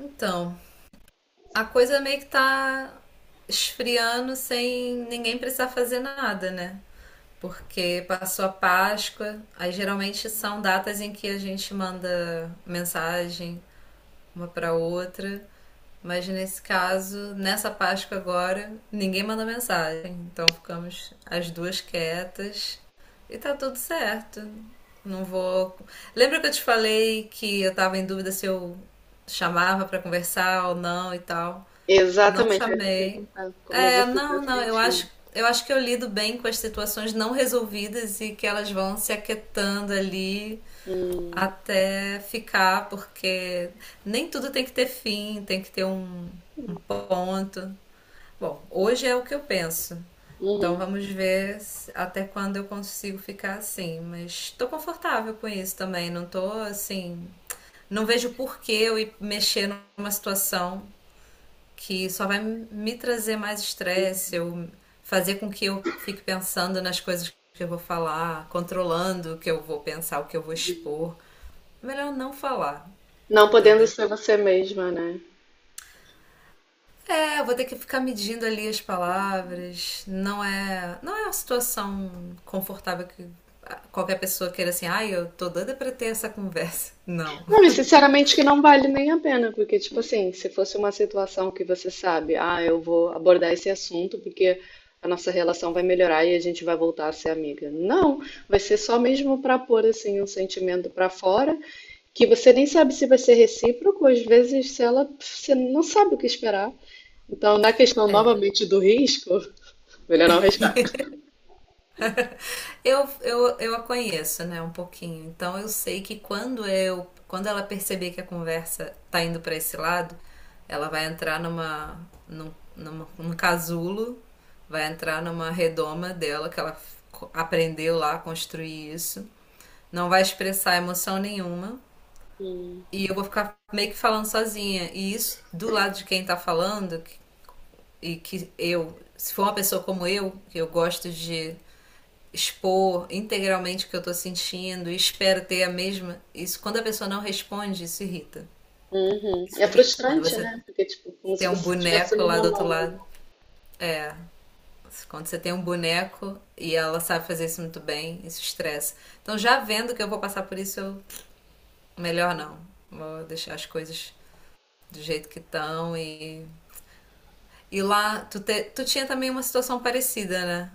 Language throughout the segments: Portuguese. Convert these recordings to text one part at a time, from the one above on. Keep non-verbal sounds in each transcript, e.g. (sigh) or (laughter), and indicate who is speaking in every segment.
Speaker 1: Então, a coisa meio que tá esfriando sem ninguém precisar fazer nada, né? Porque passou a Páscoa, aí geralmente são datas em que a gente manda mensagem uma pra outra, mas nesse caso, nessa Páscoa agora, ninguém manda mensagem, então ficamos as duas quietas e tá tudo certo. Não vou. Lembra que eu te falei que eu tava em dúvida se eu chamava pra conversar ou não e tal? Não
Speaker 2: Exatamente, eu ia te
Speaker 1: chamei.
Speaker 2: perguntar como
Speaker 1: É,
Speaker 2: você está
Speaker 1: não, não, eu acho,
Speaker 2: sentindo.
Speaker 1: eu acho que eu lido bem com as situações não resolvidas e que elas vão se aquietando ali
Speaker 2: Hum,
Speaker 1: até ficar, porque nem tudo tem que ter fim, tem que ter um ponto. Bom, hoje é o que eu penso. Então
Speaker 2: uhum.
Speaker 1: vamos ver até quando eu consigo ficar assim, mas tô confortável com isso também, não tô assim, não vejo por que eu ir mexer numa situação que só vai me trazer mais estresse, eu fazer com que eu fique pensando nas coisas que eu vou falar, controlando o que eu vou pensar, o que eu vou expor. Melhor não falar,
Speaker 2: Não podendo
Speaker 1: entendeu?
Speaker 2: ser você mesma, né?
Speaker 1: É, eu vou ter que ficar medindo ali as palavras. Não é uma situação confortável que qualquer pessoa queira assim, ai, eu tô doida pra ter essa conversa. Não.
Speaker 2: Não, e sinceramente que não vale nem a pena, porque, tipo assim, se fosse uma situação que você sabe, ah, eu vou abordar esse assunto porque a nossa relação vai melhorar e a gente vai voltar a ser amiga. Não, vai ser só mesmo para pôr, assim, um sentimento para fora, que você nem sabe se vai ser recíproco, às vezes, se ela, você não sabe o que esperar. Então, na questão novamente do risco. Melhor não arriscar.
Speaker 1: Eu a conheço, né, um pouquinho. Então eu sei que quando ela perceber que a conversa tá indo para esse lado, ela vai entrar num casulo, vai entrar numa redoma dela que ela aprendeu lá a construir isso. Não vai expressar emoção nenhuma e eu vou ficar meio que falando sozinha. E isso do lado de quem tá e que eu, se for uma pessoa como eu, que eu gosto de expor integralmente o que eu tô sentindo e espero ter a mesma. Isso, quando a pessoa não responde, isso irrita.
Speaker 2: Uhum.
Speaker 1: Isso
Speaker 2: É
Speaker 1: irrita. Quando
Speaker 2: frustrante,
Speaker 1: você
Speaker 2: né? Porque, tipo, como
Speaker 1: tem
Speaker 2: se
Speaker 1: um
Speaker 2: você estivesse
Speaker 1: boneco
Speaker 2: no
Speaker 1: lá do outro
Speaker 2: monólogo.
Speaker 1: lado. É. Quando você tem um boneco e ela sabe fazer isso muito bem, isso estressa. Então, já vendo que eu vou passar por isso, eu... melhor não. Vou deixar as coisas do jeito que estão e. E lá, tu tinha também uma situação parecida, né?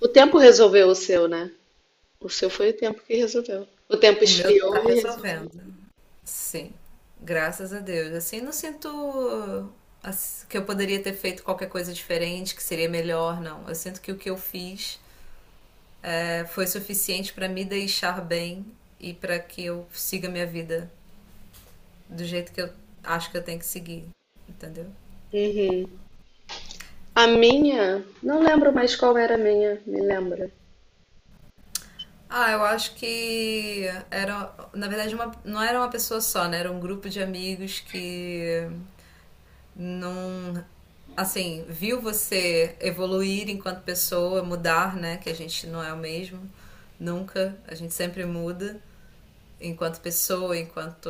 Speaker 2: O tempo resolveu o seu, né? O seu foi o tempo que resolveu. O tempo
Speaker 1: O meu tá
Speaker 2: esfriou e resolveu.
Speaker 1: resolvendo. Sim, graças a Deus. Assim, não sinto que eu poderia ter feito qualquer coisa diferente, que seria melhor, não. Eu sinto que o que eu fiz foi suficiente para me deixar bem e para que eu siga minha vida do jeito que eu acho que eu tenho que seguir, entendeu?
Speaker 2: Uhum. A minha, não lembro mais qual era a minha, me lembra.
Speaker 1: Ah, eu acho que era, na verdade, uma, não era uma pessoa só, né? Era um grupo de amigos que não assim, viu você evoluir enquanto pessoa, mudar, né, que a gente não é o mesmo nunca, a gente sempre muda enquanto pessoa, enquanto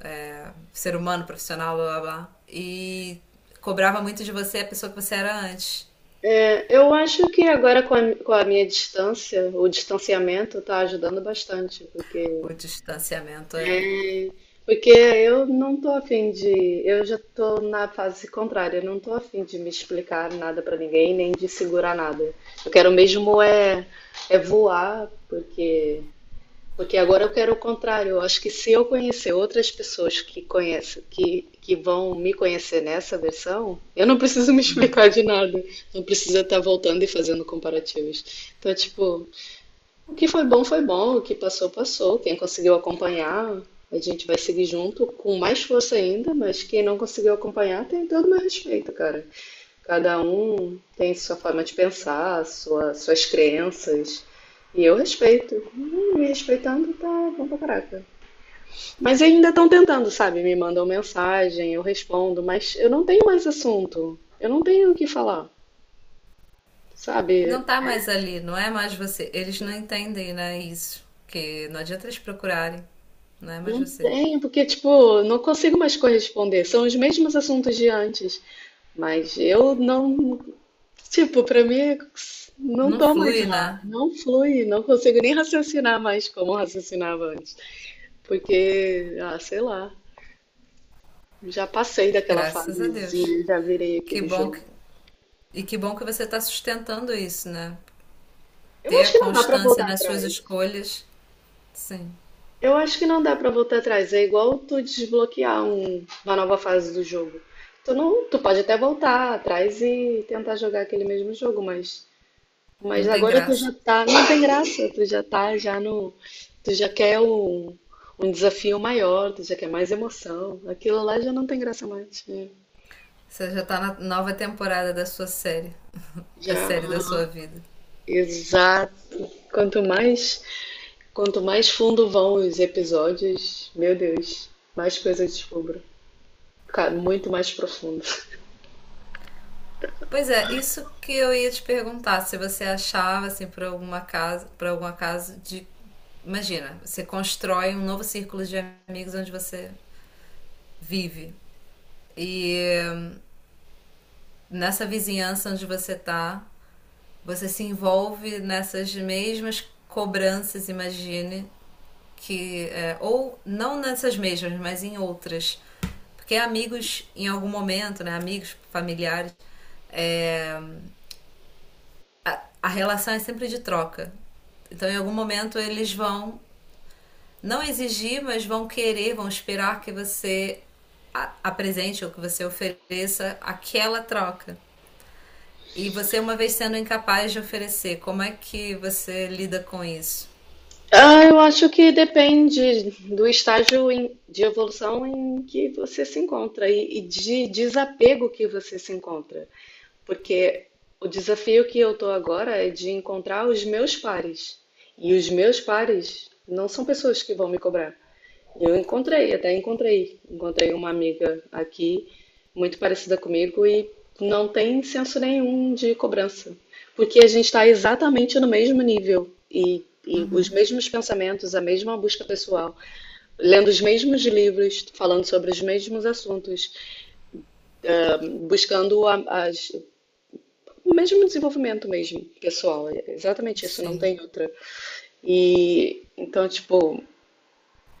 Speaker 1: é, ser humano, profissional, blá blá blá. E cobrava muito de você a pessoa que você era antes.
Speaker 2: É, eu acho que agora com a minha distância, o distanciamento tá ajudando bastante, porque
Speaker 1: O distanciamento é.
Speaker 2: porque eu não tô afim de. Eu já tô na fase contrária, eu não tô afim de me explicar nada pra ninguém, nem de segurar nada. Eu quero mesmo é, é voar, porque. Porque agora eu quero o contrário. Eu acho que se eu conhecer outras pessoas que conhecem, que vão me conhecer nessa versão, eu não preciso me (laughs) explicar de nada. Não precisa estar voltando e fazendo comparativos. Então, tipo, o que foi bom, foi bom. O que passou, passou. Quem conseguiu acompanhar, a gente vai seguir junto com mais força ainda, mas quem não conseguiu acompanhar tem todo o meu respeito, cara. Cada um tem sua forma de pensar, suas crenças. E eu respeito. Me respeitando tá bom pra caraca. Mas ainda estão tentando, sabe? Me mandam mensagem, eu respondo, mas eu não tenho mais assunto. Eu não tenho o que falar,
Speaker 1: Não
Speaker 2: sabe?
Speaker 1: tá mais ali, não é mais você. Eles não entendem, né, isso. Que não adianta eles procurarem. Não é mais
Speaker 2: Não
Speaker 1: você.
Speaker 2: tenho, porque, tipo, não consigo mais corresponder. São os mesmos assuntos de antes. Mas eu não. Tipo, pra mim, não
Speaker 1: Não
Speaker 2: tô mais
Speaker 1: flui,
Speaker 2: lá.
Speaker 1: né?
Speaker 2: Não flui. Não consigo nem raciocinar mais como eu raciocinava antes. Porque, ah, sei lá. Já passei daquela
Speaker 1: Graças a Deus.
Speaker 2: fasezinha, já virei
Speaker 1: Que
Speaker 2: aquele
Speaker 1: bom que
Speaker 2: jogo.
Speaker 1: E que bom que você está sustentando isso, né?
Speaker 2: Eu
Speaker 1: Ter
Speaker 2: acho
Speaker 1: a
Speaker 2: que não dá pra
Speaker 1: constância
Speaker 2: voltar
Speaker 1: nas suas
Speaker 2: atrás.
Speaker 1: escolhas, sim,
Speaker 2: Eu acho que não dá pra voltar atrás. É igual tu desbloquear uma nova fase do jogo. Tu não, tu pode até voltar atrás e tentar jogar aquele mesmo jogo,
Speaker 1: não
Speaker 2: mas
Speaker 1: tem
Speaker 2: agora tu
Speaker 1: graça.
Speaker 2: já tá, não tem graça. Tu já tá já no, tu já quer um, um desafio maior, tu já quer mais emoção. Aquilo lá já não tem graça mais. Né?
Speaker 1: Você já está na nova temporada da sua série, (laughs) da
Speaker 2: Já,
Speaker 1: série da sua vida.
Speaker 2: exato. Quanto mais, quanto mais fundo vão os episódios, meu Deus, mais coisa eu descubro. Cara, muito mais profundo.
Speaker 1: Pois é, isso que eu ia te perguntar, se você achava assim por alguma casa, por algum acaso de imagina, você constrói um novo círculo de amigos onde você vive e nessa vizinhança onde você tá, você se envolve nessas mesmas cobranças, imagine, que é, ou não nessas mesmas, mas em outras, porque amigos em algum momento, né, amigos familiares, é, a relação é sempre de troca. Então, em algum momento eles vão não exigir, mas vão querer, vão esperar que você apresente ou que você ofereça aquela troca. E você, uma vez sendo incapaz de oferecer, como é que você lida com isso?
Speaker 2: Ah, eu acho que depende do estágio de evolução em que você se encontra e de desapego que você se encontra. Porque o desafio que eu estou agora é de encontrar os meus pares. E os meus pares não são pessoas que vão me cobrar. Eu encontrei, até encontrei. Encontrei uma amiga aqui, muito parecida comigo, e não tem senso nenhum de cobrança. Porque a gente está exatamente no mesmo nível e os
Speaker 1: Uhum,
Speaker 2: mesmos pensamentos, a mesma busca pessoal, lendo os mesmos livros, falando sobre os mesmos assuntos, buscando o mesmo desenvolvimento mesmo, pessoal. É exatamente isso, não
Speaker 1: sim,
Speaker 2: tem outra. E então, tipo,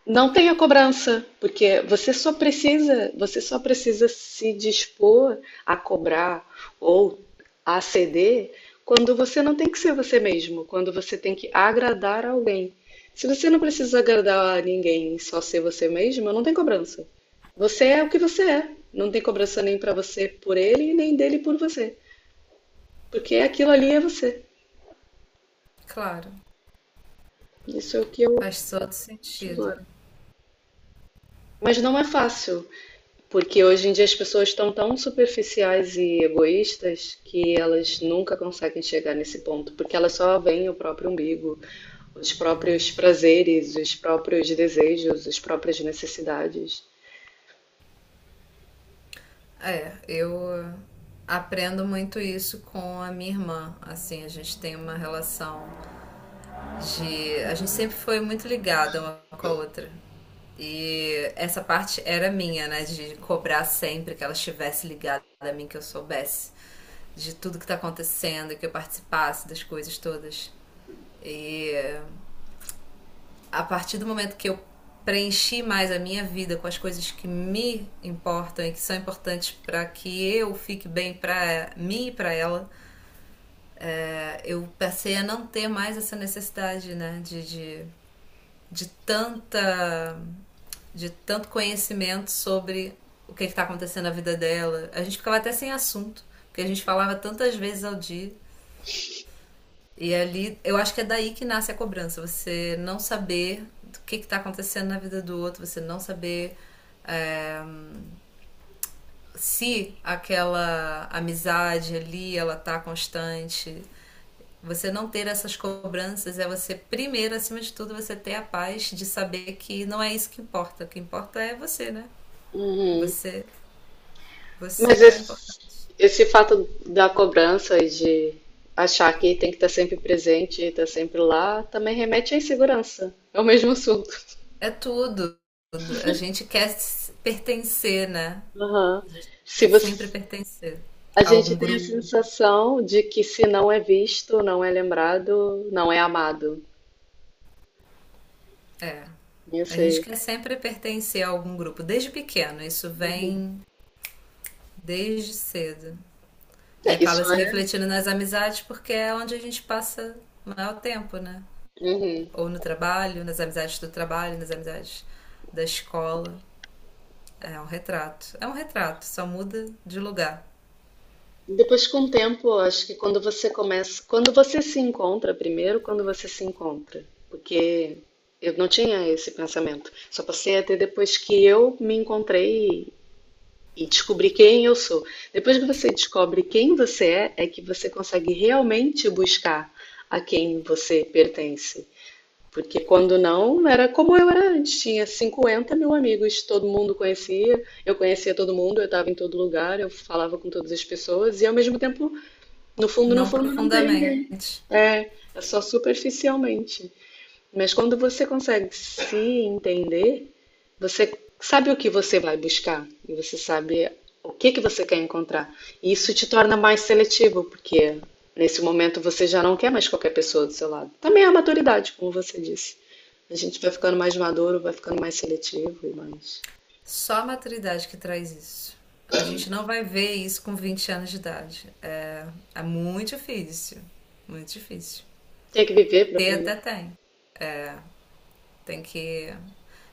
Speaker 2: não tenha cobrança, porque você só precisa se dispor a cobrar ou a ceder quando você não tem que ser você mesmo, quando você tem que agradar alguém. Se você não precisa agradar a ninguém, só ser você mesmo, não tem cobrança. Você é o que você é. Não tem cobrança nem pra você por ele, nem dele por você, porque aquilo ali é você.
Speaker 1: claro.
Speaker 2: Isso é o que eu
Speaker 1: Faz todo
Speaker 2: acho
Speaker 1: sentido.
Speaker 2: agora. Mas não é fácil. Porque hoje em dia as pessoas estão tão superficiais e egoístas que elas nunca conseguem chegar nesse ponto, porque elas só veem o próprio umbigo, os próprios prazeres, os próprios desejos, as próprias necessidades.
Speaker 1: É, eu aprendo muito isso com a minha irmã. Assim, a gente tem uma relação de. A gente sempre foi muito ligada uma com a outra. E essa parte era minha, né? De cobrar sempre que ela estivesse ligada a mim, que eu soubesse de tudo que tá acontecendo, que eu participasse das coisas todas. E a partir do momento que eu preenchi mais a minha vida com as coisas que me importam e que são importantes para que eu fique bem para mim e para ela, eu passei a não ter mais essa necessidade, né, de tanta de tanto conhecimento sobre o que está acontecendo na vida dela. A gente ficava até sem assunto, porque a gente falava tantas vezes ao dia E ali, eu acho que é daí que nasce a cobrança. Você não saber o que está acontecendo na vida do outro, você não saber é, se aquela amizade ali ela tá constante. Você não ter essas cobranças é você, primeiro, acima de tudo, você ter a paz de saber que não é isso que importa. O que importa é você, né?
Speaker 2: Uhum.
Speaker 1: Você, você
Speaker 2: Mas
Speaker 1: que é o importante.
Speaker 2: esse fato da cobrança e de achar que tem que estar sempre presente, estar sempre lá, também remete à insegurança. É o mesmo assunto.
Speaker 1: É tudo. A gente quer pertencer, né?
Speaker 2: Aham.
Speaker 1: A gente
Speaker 2: Se
Speaker 1: quer sempre
Speaker 2: você
Speaker 1: pertencer
Speaker 2: A
Speaker 1: a
Speaker 2: gente
Speaker 1: algum
Speaker 2: tem a
Speaker 1: grupo.
Speaker 2: sensação de que se não é visto, não é lembrado, não é amado.
Speaker 1: A
Speaker 2: Isso
Speaker 1: gente
Speaker 2: aí.
Speaker 1: quer sempre pertencer a algum grupo, desde pequeno, isso vem desde cedo. E
Speaker 2: É, isso
Speaker 1: acaba se
Speaker 2: é.
Speaker 1: refletindo nas amizades porque é onde a gente passa o maior tempo, né?
Speaker 2: Uhum.
Speaker 1: Ou no trabalho, nas amizades do trabalho, nas amizades da escola. É um retrato. É um retrato, só muda de lugar.
Speaker 2: Depois, com o tempo, acho que quando você começa, quando você se encontra primeiro, quando você se encontra, porque eu não tinha esse pensamento. Só passei a ter depois que eu me encontrei e descobri quem eu sou. Depois que você descobre quem você é, é que você consegue realmente buscar a quem você pertence. Porque quando não, era como eu era antes, tinha 50 mil amigos, todo mundo conhecia, eu conhecia todo mundo, eu estava em todo lugar, eu falava com todas as pessoas, e ao mesmo tempo, no
Speaker 1: Não
Speaker 2: fundo, não tem ninguém.
Speaker 1: profundamente.
Speaker 2: É, é só superficialmente. Mas quando você consegue se entender, você sabe o que você vai buscar e você sabe o que que você quer encontrar. E isso te torna mais seletivo, porque nesse momento você já não quer mais qualquer pessoa do seu lado. Também é a maturidade, como você disse. A gente vai ficando mais maduro, vai ficando mais seletivo e mais.
Speaker 1: Só a maturidade que traz isso. A gente não vai ver isso com 20 anos de idade. É, é muito difícil. Muito difícil.
Speaker 2: Tem que viver para
Speaker 1: Ter
Speaker 2: aprender.
Speaker 1: até tem. Tem que.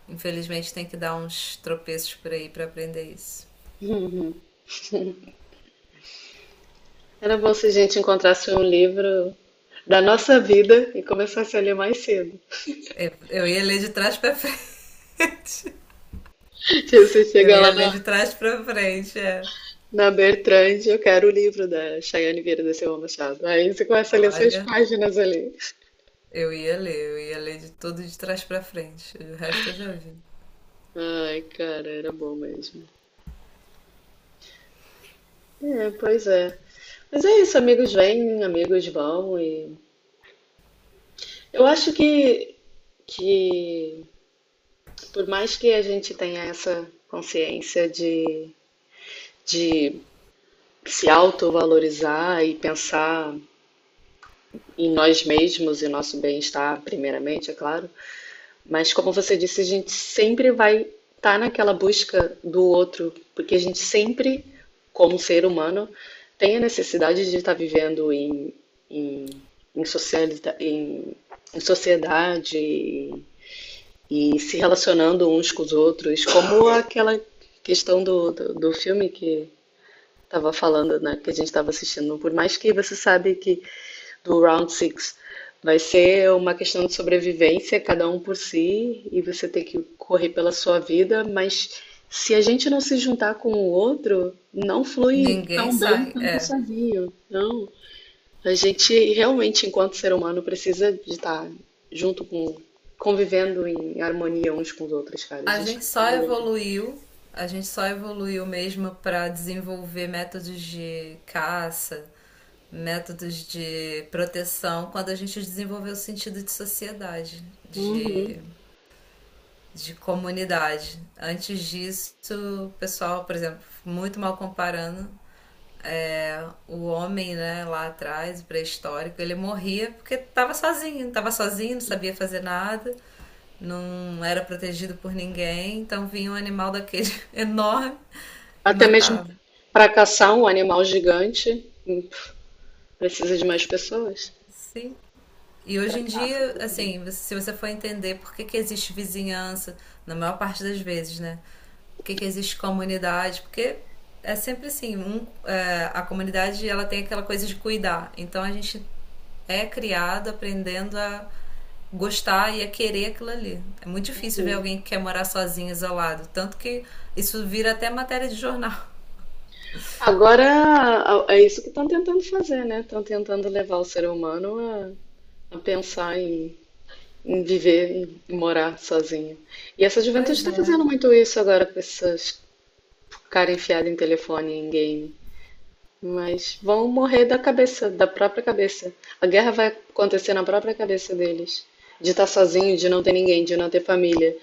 Speaker 1: Infelizmente, tem que dar uns tropeços por aí pra aprender isso.
Speaker 2: (laughs) Era bom se a gente encontrasse um livro da nossa vida e começasse a ler mais cedo.
Speaker 1: Eu ia ler de trás pra frente. (laughs)
Speaker 2: (laughs) Se Você
Speaker 1: Eu
Speaker 2: chega lá
Speaker 1: ia ler de
Speaker 2: na
Speaker 1: trás pra frente, é.
Speaker 2: na Bertrand, eu quero o livro da Chayane Vieira da Silva Machado. Aí você começa a ler suas
Speaker 1: Olha,
Speaker 2: páginas ali.
Speaker 1: eu ia ler de tudo de trás pra frente. O resto eu já vi.
Speaker 2: Ai, cara, era bom mesmo. É, pois é. Mas é isso, amigos vêm, amigos vão e eu acho que por mais que a gente tenha essa consciência de se autovalorizar e pensar em nós mesmos e nosso bem-estar primeiramente, é claro, mas como você disse, a gente sempre vai estar naquela busca do outro, porque a gente sempre, como ser humano, tem a necessidade de estar vivendo em, em, socialita- em- em sociedade e se relacionando uns com os outros, como aquela questão do filme que estava falando, né, que a gente estava assistindo. Por mais que você sabe que do Round Six. Vai ser uma questão de sobrevivência, cada um por si, e você tem que correr pela sua vida, mas se a gente não se juntar com o outro, não flui
Speaker 1: Ninguém
Speaker 2: tão bem
Speaker 1: sai,
Speaker 2: quanto
Speaker 1: é.
Speaker 2: sozinho. Não. A gente realmente, enquanto ser humano, precisa de estar junto com, convivendo em harmonia uns com os outros, cara. A
Speaker 1: A
Speaker 2: gente
Speaker 1: gente só
Speaker 2: precisa.
Speaker 1: evoluiu, a gente só evoluiu mesmo pra desenvolver métodos de caça, métodos de proteção, quando a gente desenvolveu o sentido de sociedade,
Speaker 2: Uhum.
Speaker 1: de de comunidade. Antes disso, o pessoal, por exemplo, muito mal comparando, é, o homem, né, lá atrás, pré-histórico, ele morria porque estava sozinho, não sabia fazer nada, não era protegido por ninguém, então vinha um animal daquele (laughs) enorme e
Speaker 2: Até mesmo
Speaker 1: matava.
Speaker 2: para caçar um animal gigante, precisa de mais pessoas.
Speaker 1: Sim, e
Speaker 2: Pra
Speaker 1: hoje em
Speaker 2: caça.
Speaker 1: dia, assim, se você for entender por que que existe vizinhança, na maior parte das vezes, né? Por que que existe comunidade? Porque é sempre assim, um, é, a comunidade ela tem aquela coisa de cuidar. Então a gente é criado aprendendo a gostar e a querer aquilo ali. É muito difícil ver alguém que quer morar sozinho, isolado. Tanto que isso vira até matéria de jornal.
Speaker 2: Agora, é isso que estão tentando fazer, né? Estão tentando levar o ser humano a pensar em viver e morar sozinho. E essa juventude
Speaker 1: Pois
Speaker 2: está
Speaker 1: é,
Speaker 2: fazendo muito isso agora com essas cara enfiada em telefone, em game. Mas vão morrer da cabeça, da própria cabeça. A guerra vai acontecer na própria cabeça deles. De estar sozinho, de não ter ninguém, de não ter família.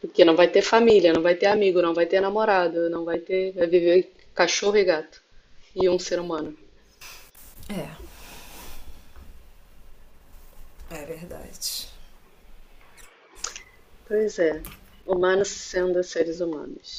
Speaker 2: Porque não vai ter família, não vai ter amigo, não vai ter namorado, não vai ter. Vai viver cachorro e gato. E um ser humano.
Speaker 1: é, é verdade.
Speaker 2: Pois é, humanos sendo seres humanos.